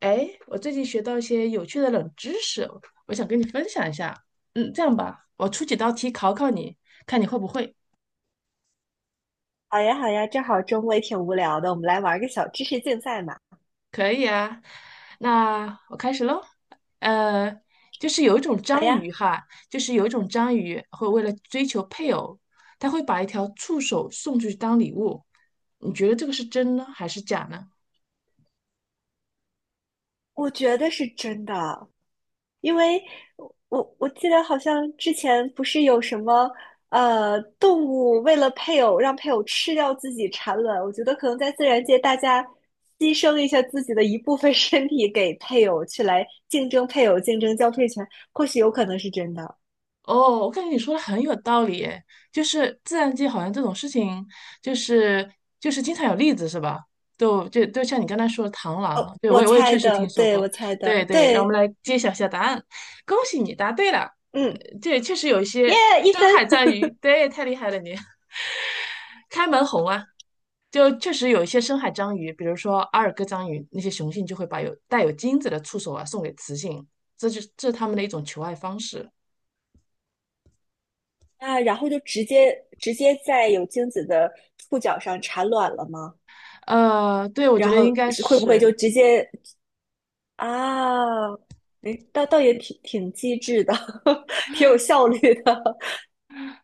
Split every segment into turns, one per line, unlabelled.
哎，我最近学到一些有趣的冷知识，我想跟你分享一下。这样吧，我出几道题考考你，看你会不会。
好呀，好呀，正好周末也挺无聊的，我们来玩个小知识竞赛嘛。
可以啊，那我开始喽。呃，就是有一种
好
章
呀，
鱼哈，就是有一种章鱼会为了追求配偶，它会把一条触手送出去当礼物。你觉得这个是真呢，还是假呢？
我觉得是真的，因为我记得好像之前不是有什么动物为了配偶让配偶吃掉自己产卵，我觉得可能在自然界大家牺牲一下自己的一部分 身体给配偶去来竞争配偶竞争交配权，或许有可能是真的。
哦，我感觉你说的很有道理诶，就是自然界好像这种事情，就是就是经常有例子是吧？就像你刚才说的螳螂啊，对我
我
也我也
猜
确实
的，
听说
对，
过，
我猜
对
的，
对，让我们
对，
来揭晓一下答案，恭喜你答对了，
嗯，
这确实有一
耶，
些
一
深
分。
海章鱼，对，太厉害了你，开门红啊，就确实有一些深海章鱼，比如说阿尔戈章鱼，那些雄性就会把有带有精子的触手啊送给雌性，这是它们的一种求爱方式。
啊，然后就直接在有精子的触角上产卵了吗？
对，我觉
然
得
后
应该
是会不会
是，
就直接啊？哎，倒也挺机智的，挺有效率的。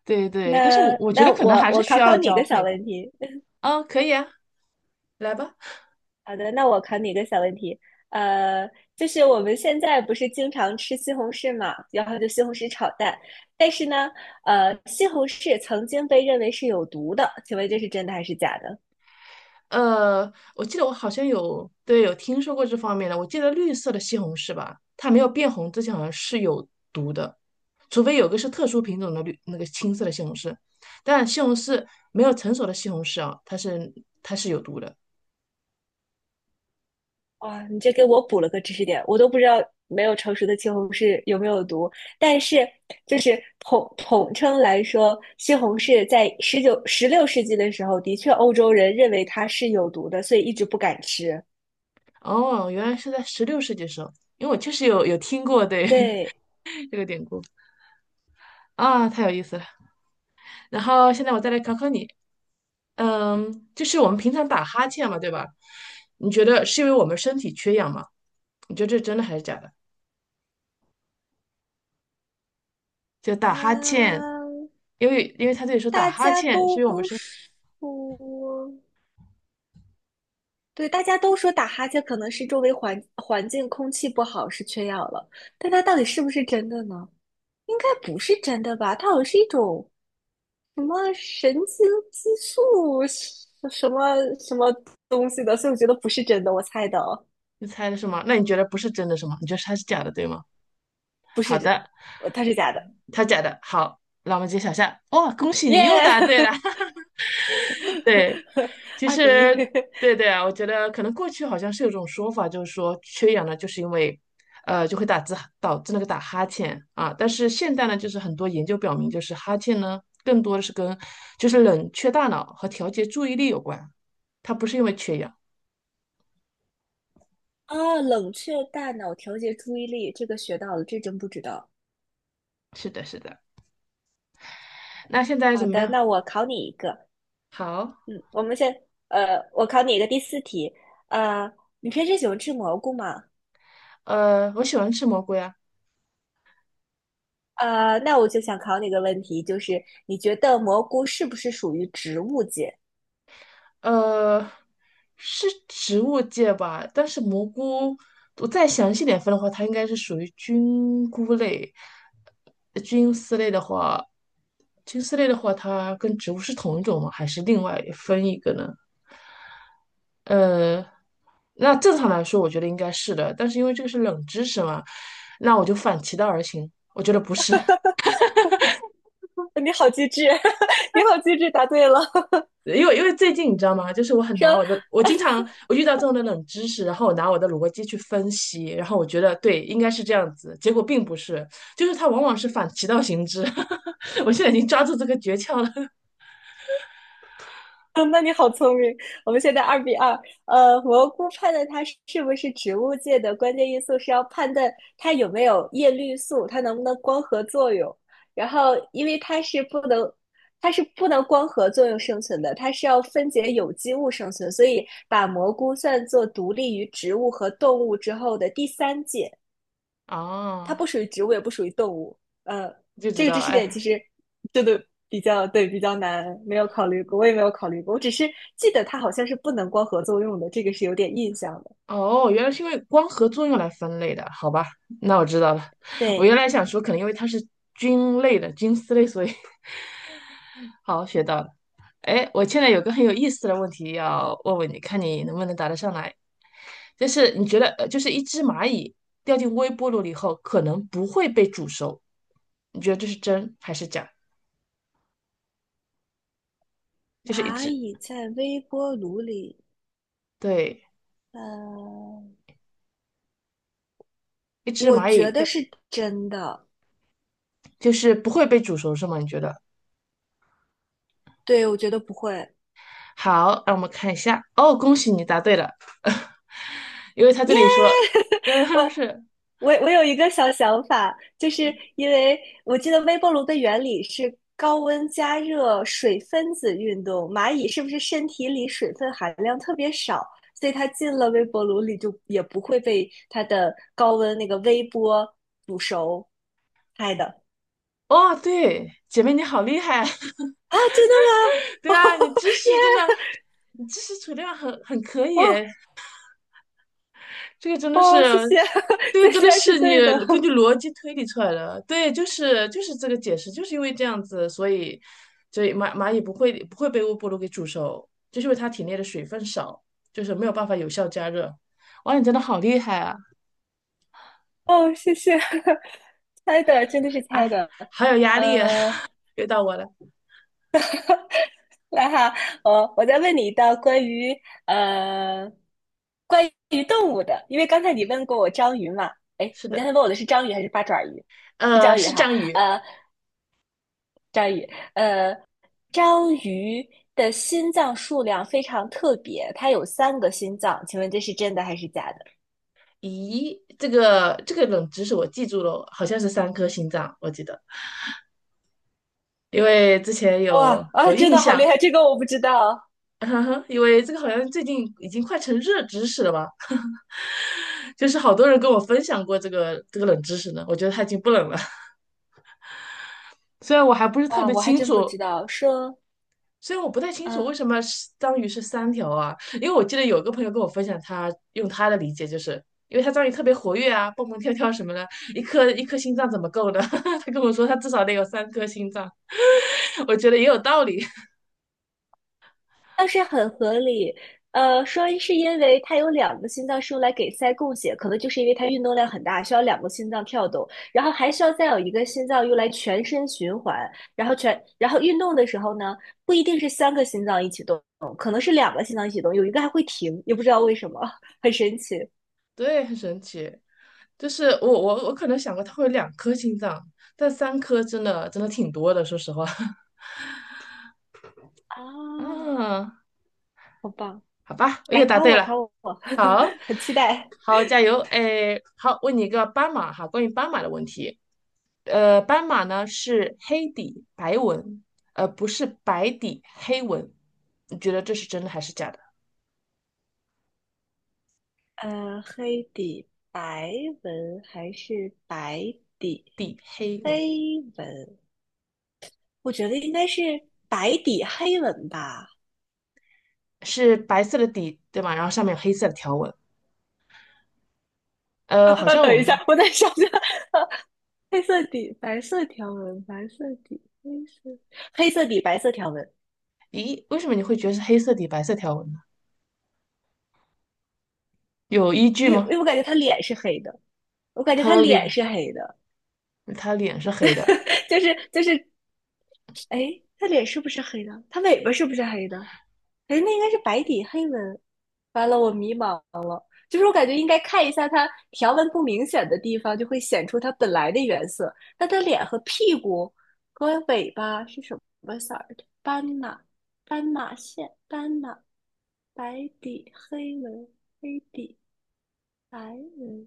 对对，但是我
那
我觉
那
得可能
我
还是
我
需
考考
要
你一
交
个小
配吧。
问题。
啊，可以啊，来吧。
好的，那我考你一个小问题。呃，就是我们现在不是经常吃西红柿嘛，然后就西红柿炒蛋。但是呢，西红柿曾经被认为是有毒的，请问这是真的还是假的？
我记得我好像有，对，有听说过这方面的。我记得绿色的西红柿吧，它没有变红之前好像是有毒的，除非有个是特殊品种的绿那个青色的西红柿。但西红柿没有成熟的西红柿啊，它是有毒的。
哇，你这给我补了个知识点，我都不知道没有成熟的西红柿有没有毒。但是，就是统称来说，西红柿在19、16世纪的时候，的确欧洲人认为它是有毒的，所以一直不敢吃。
哦，原来是在十六世纪时候，因为我确实有听过对
对，
这个典故啊，太有意思了。然后现在我再来考考你，就是我们平常打哈欠嘛，对吧？你觉得是因为我们身体缺氧吗？你觉得这是真的还是假的？就打哈
啊，
欠，因为他这里说打
大
哈
家
欠是
都
因为我们身体，
说，对，大家都说打哈欠可能是周围环境空气不好是缺氧了，但它到底是不是真的呢？应该不是真的吧？它好像是一种什么神经激素什么东西的，所以我觉得不是真的，我猜的哦，
你猜的是吗？那你觉得不是真的是吗？你觉得它是假的对吗？
不
好
是真，
的，
它是假的，
它假的。好，那我们揭晓下。哇，恭喜你又答对
耶、
了。对，其
2-1。
实，对对啊，我觉得可能过去好像是有种说法，就是说缺氧呢，就是因为，就会打字导致那个打哈欠啊。但是现代呢，就是很多研究表明，就是哈欠呢，更多的是跟就是冷却大脑和调节注意力有关，它不是因为缺氧。
啊！冷却大脑调节注意力，这个学到了，这真不知道。
是的，是的。那现在
好
怎么
的，
样？
那我考你一个。
好，
嗯，我们先，我考你一个第4题，呃，你平时喜欢吃蘑菇吗？
我喜欢吃蘑菇呀。
那我就想考你一个问题，就是你觉得蘑菇是不是属于植物界？
呃，是植物界吧？但是蘑菇，我再详细点分的话，它应该是属于菌菇类。菌丝类的话，菌丝类的话，它跟植物是同一种吗？还是另外分一个呢？呃，那正常来说，我觉得应该是的，但是因为这个是冷知识嘛，那我就反其道而行，我觉得不是。
你好机智，你好机智，答对了。
因为因为最近你知道吗？就是我 很拿
说，
我的，我经常我遇到这种的冷知识，然后我拿我的逻辑去分析，然后我觉得对，应该是这样子，结果并不是，就是它往往是反其道行之。我现在已经抓住这个诀窍了
那你好聪明。我们现在2-2。蘑菇判断它是不是植物界的关键因素是要判断它有没有叶绿素，它能不能光合作用。然后，因为它是不能，它是不能光合作用生存的，它是要分解有机物生存，所以把蘑菇算作独立于植物和动物之后的第三界。它
哦，
不属于植物，也不属于动物。呃，
就知
这个
道
知
了，
识点
哎，
其实真的比较对比较难，没有考虑过，我也没有考虑过。我只是记得它好像是不能光合作用的，这个是有点印象的。
哦，原来是因为光合作用来分类的，好吧，那我知道了。我原
对，
来想说，可能因为它是菌类的菌丝类，所以 好，学到了。哎，我现在有个很有意思的问题要问问你，看你能不能答得上来。就是你觉得，就是一只蚂蚁掉进微波炉里后，可能不会被煮熟，你觉得这是真还是假？就是一
蚂
只，
蚁在微波炉里，
对，
呃，
一只
我
蚂蚁
觉得
掉，
是真的。
就是不会被煮熟是吗？你觉得？
对，我觉得不会。
好，让我们看一下。哦，恭喜你答对了，因为他这里说，嗯，是，
我有一个小想法，就是因为我记得微波炉的原理是高温加热水分子运动，蚂蚁是不是身体里水分含量特别少，所以它进了微波炉里就也不会被它的高温那个微波煮熟？猜的
哦，对，姐妹你好厉害啊，
啊，真的吗？
对啊，你知识真的。你知识储量很可以
哇
诶，这个真的
哦，谢
是，
谢，
这个真
这
的
然是
是你
对的，
根据逻辑推理出来的。对，就是这个解释，就是因为这样子，所以所以蚂蚁不会被微波炉给煮熟，就是因为它体内的水分少，就是没有办法有效加热。哇，你真的好厉害啊！
哦，谢谢，猜的真的是猜
哎，
的，
好有压力啊！
呃。
又到我了，
那哈，我再问你一道关于呃关于动物的，因为刚才你问过我章鱼嘛，哎，
是
你刚
的，
才问我的是章鱼还是八爪鱼？是章鱼
是
哈，
章鱼。
呃，章鱼，呃，章鱼的心脏数量非常特别，它有三个心脏，请问这是真的还是假的？
咦，这个冷知识我记住了，好像是三颗心脏，我记得，因为之前有
哇啊，
有
真
印
的好厉
象。
害，这个我不知道，
哈哈，因为这个好像最近已经快成热知识了吧？就是好多人跟我分享过这个冷知识呢，我觉得它已经不冷了。虽然我还不是特
哇，
别
我还
清
真不
楚，
知道，说。
虽然我不太清楚
嗯。
为什么是章鱼是三条啊，因为我记得有个朋友跟我分享他，用他的理解就是，因为他章鱼特别活跃啊，蹦蹦跳跳什么的，一颗一颗心脏怎么够呢？他跟我说他至少得有三颗心脏，我觉得也有道理，
倒是很合理。说是因为他有两个心脏是用来给鳃供血，可能就是因为他运动量很大，需要两个心脏跳动，然后还需要再有一个心脏用来全身循环。然后全，然后运动的时候呢，不一定是三个心脏一起动，可能是两个心脏一起动，有一个还会停，也不知道为什么，很神奇
对，很神奇。就是我可能想过它会有两颗心脏，但三颗真的真的挺多的，说实话。
啊！
啊，
好棒，
好吧，我又
来
答
考
对
我
了，
考我，
好，
很期待。
好，加油，哎，好，问你一个斑马哈，关于斑马的问题，斑马呢是黑底白纹，不是白底黑纹，你觉得这是真的还是假的？
黑底白纹还是白底
底黑纹
黑纹？我觉得应该是白底黑纹吧。
是白色的底，对吗？然后上面有黑色的条纹，
啊
好
啊，
像
等
我
一
们，
下，我在想想，黑色底，白色条纹，白色底，黑色，黑色底，白色条纹。
咦，为什么你会觉得是黑色底白色条纹呢？有依据
因为因
吗？
为我感觉他脸是黑的，我感觉
他
他
的
脸
脸，
是黑的，
他脸是黑的，
就是，哎，他脸是不是黑的？他尾巴是不是黑的？哎，那应该是白底黑纹。完了，我迷茫了。就是我感觉应该看一下它条纹不明显的地方，就会显出它本来的原色。那它脸和屁股和尾巴是什么色儿的？斑马，斑马线，斑马，白底黑纹，黑底白纹。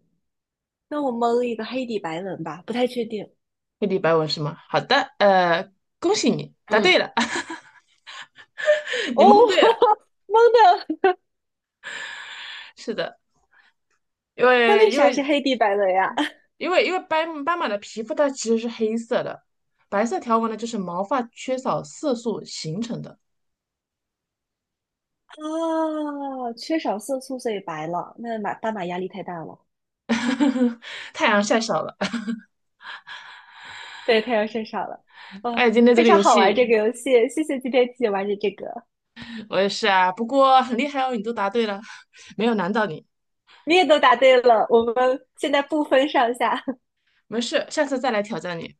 那我蒙一个黑底白纹吧，不太确定。
黑底白纹是吗？好的，恭喜你答
嗯，
对了，你
哦，
蒙对了。
蒙的，
是的，因
它
为
为
因
啥是
为
黑底白纹呀？
因为斑马的皮肤它其实是黑色的，白色条纹呢就是毛发缺少色素形成的。
啊，缺少色素所以白了，那马斑马压力太大了，
太阳晒少了，
对，太阳晒傻了。
哎，
哦，
今天这
非
个
常
游
好玩
戏
这个游戏，谢谢今天一起玩的这个，
我也是啊，不过很厉害哦，你都答对了，没有难到你，
你也都答对了，我们现在不分上下。
没事，下次再来挑战你，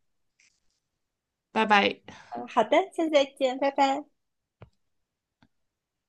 拜拜。
嗯，好的，下次再见，拜拜。